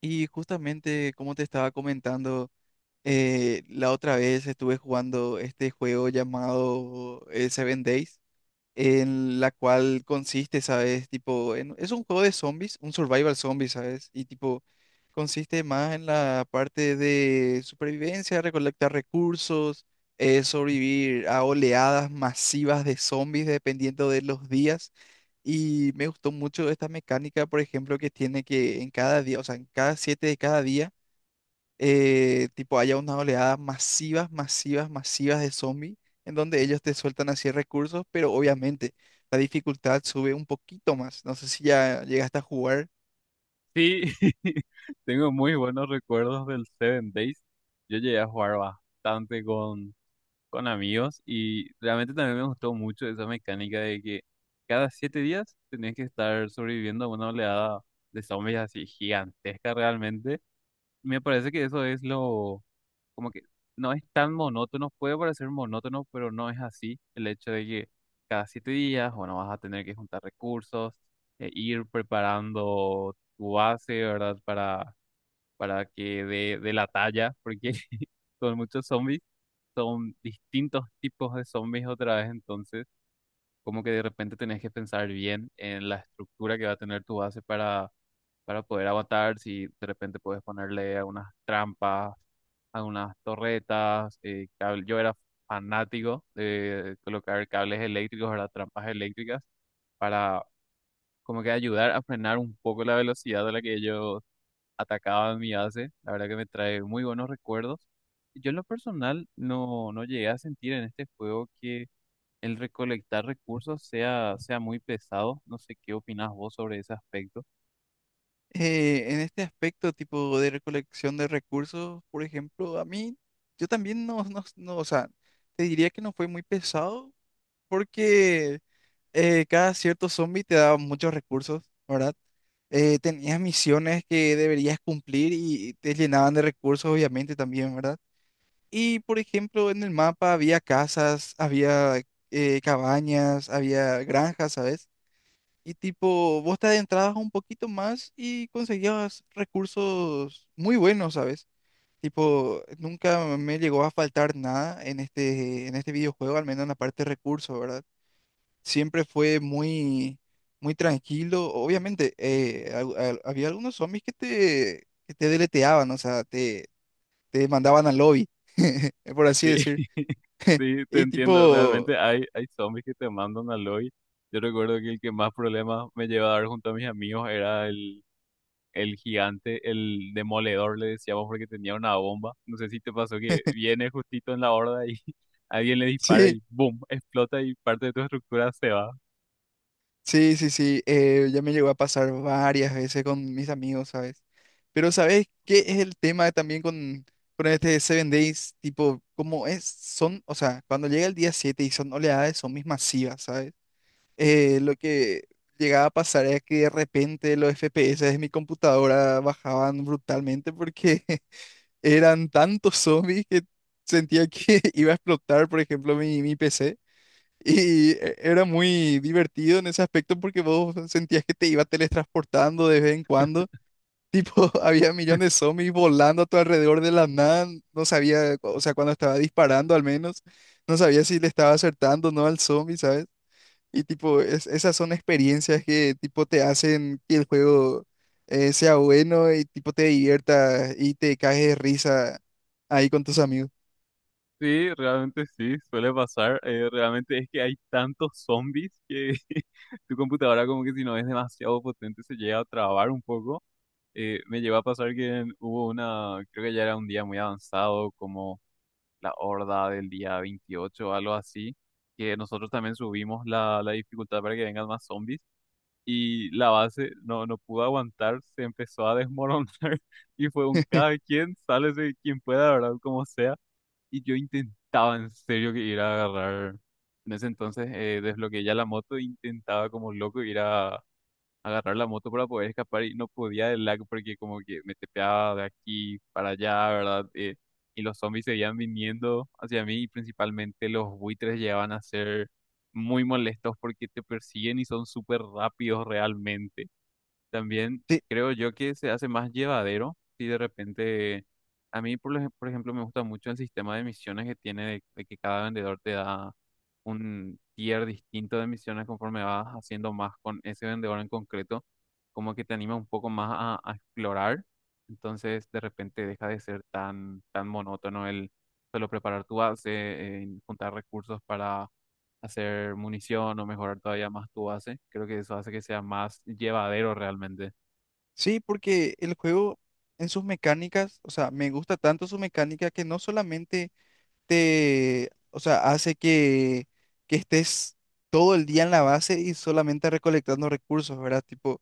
Y justamente como te estaba comentando, la otra vez estuve jugando este juego llamado Seven Days, en la cual consiste, ¿sabes? Tipo, es un juego de zombies, un survival zombie, ¿sabes? Y tipo, consiste más en la parte de supervivencia, recolectar recursos, sobrevivir a oleadas masivas de zombies dependiendo de los días. Y me gustó mucho esta mecánica, por ejemplo, que tiene que en cada día, o sea, en cada siete de cada día, tipo, haya una oleada masivas, masivas, masivas de zombies, en donde ellos te sueltan así recursos, pero obviamente la dificultad sube un poquito más. No sé si ya llegaste a jugar. Sí, tengo muy buenos recuerdos del Seven Days. Yo llegué a jugar bastante con amigos y realmente también me gustó mucho esa mecánica de que cada 7 días tenías que estar sobreviviendo a una oleada de zombies así gigantesca realmente. Me parece que eso es como que no es tan monótono, puede parecer monótono, pero no es así. El hecho de que cada 7 días, bueno, vas a tener que juntar recursos, ir preparando tu base, ¿verdad? Para que dé la talla, porque son muchos zombies, son distintos tipos de zombies otra vez. Entonces como que de repente tenés que pensar bien en la estructura que va a tener tu base para poder aguantar, si de repente puedes ponerle algunas trampas, algunas torretas, yo era fanático de colocar cables eléctricos, ¿verdad? Trampas eléctricas para como que ayudar a frenar un poco la velocidad a la que ellos atacaban mi base. La verdad que me trae muy buenos recuerdos. Yo en lo personal no llegué a sentir en este juego que el recolectar recursos sea muy pesado. No sé qué opinas vos sobre ese aspecto. En este aspecto, tipo de recolección de recursos, por ejemplo, a mí, yo también no, no, no, o sea, te diría que no fue muy pesado, porque... cada cierto zombie te daba muchos recursos, ¿verdad? Tenías misiones que deberías cumplir y te llenaban de recursos, obviamente, también, ¿verdad? Y, por ejemplo, en el mapa había casas, había cabañas, había granjas, ¿sabes? Y tipo, vos te adentrabas un poquito más y conseguías recursos muy buenos, ¿sabes? Tipo, nunca me llegó a faltar nada en este, en este videojuego, al menos en la parte de recursos, ¿verdad? Siempre fue muy, muy tranquilo. Obviamente, había algunos zombies que te deleteaban, o sea, te mandaban al lobby, por así Sí, decir. sí, te Y entiendo. tipo, Realmente hay zombies que te mandan al hoy. Yo recuerdo que el que más problemas me llevaba a dar junto a mis amigos era el gigante, el demoledor, le decíamos, porque tenía una bomba. No sé si te pasó que viene justito en la horda y alguien le dispara sí, y ¡boom! Explota y parte de tu estructura se va. sí, sí, sí, ya me llegó a pasar varias veces con mis amigos, ¿sabes? Pero ¿sabes qué es el tema también con este Seven Days? Tipo, como es, son, o sea, cuando llega el día 7 y son oleadas de zombies masivas, ¿sabes? Lo que llegaba a pasar era que de repente los FPS de mi computadora bajaban brutalmente, porque eran tantos zombies que sentía que iba a explotar, por ejemplo, mi PC. Y era muy divertido en ese aspecto porque vos sentías que te iba teletransportando de vez en cuando. Tipo, había millones de zombies volando a tu alrededor de la nada. No sabía, o sea, cuando estaba disparando al menos, no sabía si le estaba acertando o no al zombie, ¿sabes? Y tipo, esas son experiencias que tipo te hacen que el juego sea bueno y tipo te divierta y te caes de risa ahí con tus amigos. Sí, realmente sí, suele pasar. Realmente es que hay tantos zombies que tu computadora, como que si no es demasiado potente, se llega a trabar un poco. Me llegó a pasar que hubo una, creo que ya era un día muy avanzado, como la horda del día 28 o algo así, que nosotros también subimos la dificultad para que vengan más zombies, y la base no pudo aguantar, se empezó a desmoronar y fue un cada quien, sálese quien pueda, ¿verdad? Como sea. Y yo intentaba en serio que ir a agarrar, en ese entonces desbloqueé ya la moto, e intentaba como loco ir a agarrar la moto para poder escapar, y no podía del lag porque como que me tepeaba de aquí para allá, ¿verdad? Y los zombies seguían viniendo hacia mí, y principalmente los buitres llegaban a ser muy molestos porque te persiguen y son súper rápidos realmente. También Sí, creo yo que se hace más llevadero si de repente, a mí por ejemplo me gusta mucho el sistema de misiones que tiene de que cada vendedor te da un tier distinto de misiones conforme vas haciendo más con ese vendedor en concreto. Como que te anima un poco más a explorar, entonces de repente deja de ser tan monótono el solo preparar tu base, juntar recursos para hacer munición o mejorar todavía más tu base. Creo que eso hace que sea más llevadero realmente. sí, porque el juego en sus mecánicas, o sea, me gusta tanto su mecánica que no solamente te, o sea, hace que estés todo el día en la base y solamente recolectando recursos, ¿verdad? Tipo,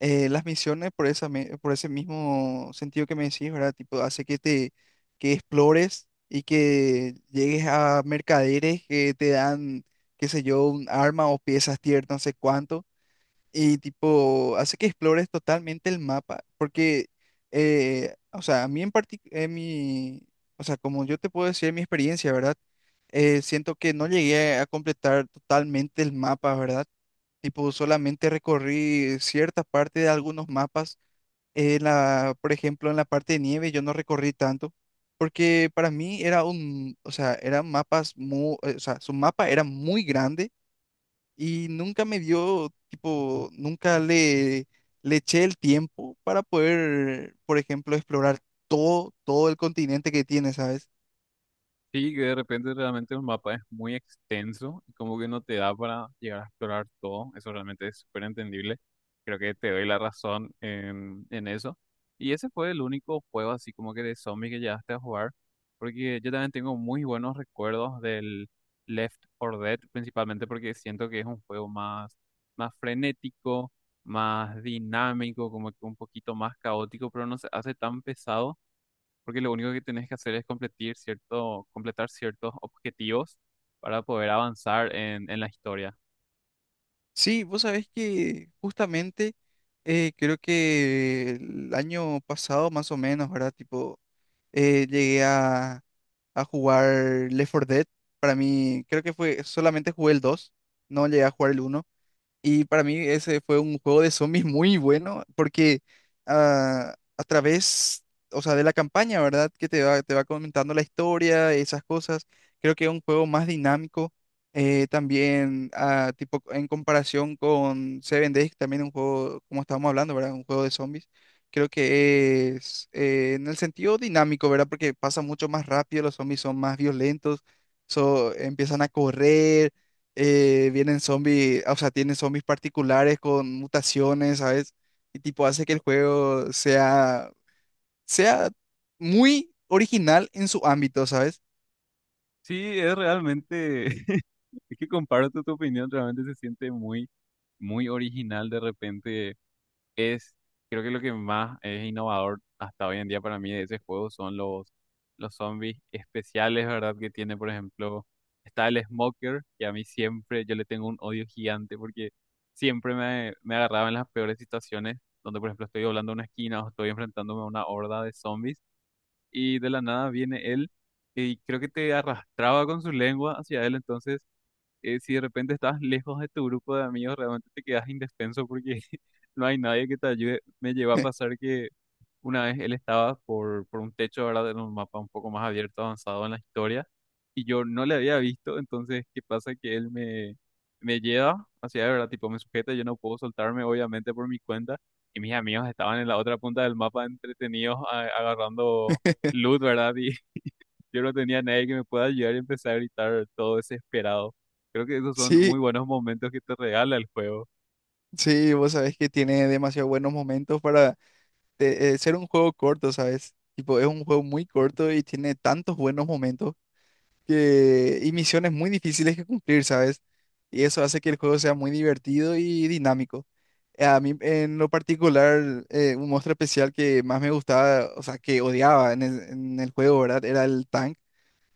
las misiones por por ese mismo sentido que me decís, ¿verdad? Tipo, hace que te que explores y que llegues a mercaderes que te dan, qué sé yo, un arma o piezas tier, no sé cuánto, y tipo, hace que explores totalmente el mapa, porque, o sea, a mí en particular, mi, o sea, como yo te puedo decir mi experiencia, ¿verdad? Siento que no llegué a completar totalmente el mapa, ¿verdad? Tipo, solamente recorrí cierta parte de algunos mapas. En la, por ejemplo, en la parte de nieve yo no recorrí tanto, porque para mí era un, o sea, eran mapas muy, o sea, su mapa era muy grande y nunca me dio, tipo, nunca le, le eché el tiempo para poder, por ejemplo, explorar todo, todo el continente que tiene, ¿sabes? Sí, que de repente realmente el mapa es muy extenso y como que no te da para llegar a explorar todo. Eso realmente es súper entendible. Creo que te doy la razón en, eso. Y ese fue el único juego así como que de zombie que llegaste a jugar. Porque yo también tengo muy buenos recuerdos del Left 4 Dead, principalmente porque siento que es un juego más frenético, más dinámico, como que un poquito más caótico, pero no se hace tan pesado porque lo único que tenés que hacer es completar ciertos objetivos para poder avanzar en la historia. Sí, vos sabés que justamente creo que el año pasado más o menos, ¿verdad? Tipo, llegué a jugar Left 4 Dead. Para mí, creo que fue, solamente jugué el 2. No llegué a jugar el uno. Y para mí ese fue un juego de zombies muy bueno porque a través, o sea, de la campaña, ¿verdad? Que te va comentando la historia, esas cosas. Creo que es un juego más dinámico. También, tipo, en comparación con Seven Days, también un juego, como estábamos hablando, ¿verdad? Un juego de zombies. Creo que es en el sentido dinámico, ¿verdad? Porque pasa mucho más rápido, los zombies son más violentos, empiezan a correr. Vienen zombies, o sea, tienen zombies particulares con mutaciones, ¿sabes? Y tipo hace que el juego sea, sea muy original en su ámbito, ¿sabes? Sí, es realmente, es que comparto tu opinión, realmente se siente muy, muy original. De repente es, creo que lo que más es innovador hasta hoy en día para mí de ese juego son los zombies especiales, ¿verdad? Que tiene, por ejemplo, está el Smoker, que a mí siempre, yo le tengo un odio gigante porque siempre me agarraba en las peores situaciones, donde, por ejemplo, estoy doblando una esquina o estoy enfrentándome a una horda de zombies, y de la nada viene él, y creo que te arrastraba con su lengua hacia él. Entonces si de repente estás lejos de tu grupo de amigos, realmente te quedas indefenso porque no hay nadie que te ayude. Me llevó a pasar que una vez él estaba por un techo, ¿verdad? En un mapa un poco más abierto, avanzado en la historia, y yo no le había visto, entonces, ¿qué pasa? Que él me lleva hacia, ¿verdad? Tipo, me sujeta, yo no puedo soltarme, obviamente, por mi cuenta, y mis amigos estaban en la otra punta del mapa entretenidos agarrando loot, ¿verdad? Y yo no tenía nadie que me pueda ayudar y empecé a gritar todo desesperado. Creo que esos son muy Sí, buenos momentos que te regala el juego. sí, vos sabés que tiene demasiado buenos momentos para ser un juego corto, ¿sabes? Tipo, es un juego muy corto y tiene tantos buenos momentos que, y misiones muy difíciles que cumplir, ¿sabes? Y eso hace que el juego sea muy divertido y dinámico. A mí en lo particular, un monstruo especial que más me gustaba, o sea, que odiaba en el juego, ¿verdad? Era el tank,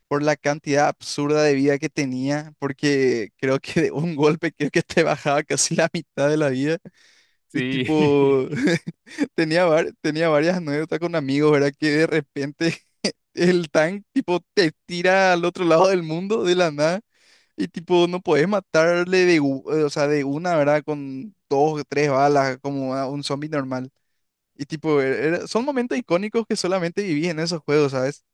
por la cantidad absurda de vida que tenía, porque creo que de un golpe creo que te bajaba casi la mitad de la vida. Y Sí, tipo, tenía, tenía varias anécdotas con amigos, ¿verdad? Que de repente el tank, tipo, te tira al otro lado del mundo de la nada. Y tipo, no podés matarle de, o sea, de una, ¿verdad? Con dos o tres balas, como a un zombie normal. Y tipo, son momentos icónicos que solamente viví en esos juegos, ¿sabes?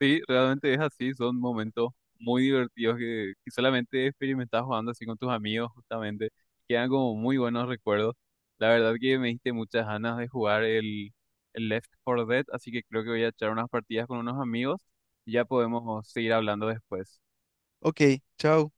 sí, realmente es así, son momentos muy divertidos que, solamente experimentas jugando así con tus amigos, justamente. Quedan como muy buenos recuerdos. La verdad que me diste muchas ganas de jugar el, Left 4 Dead, así que creo que voy a echar unas partidas con unos amigos y ya podemos seguir hablando después. Ok, chao.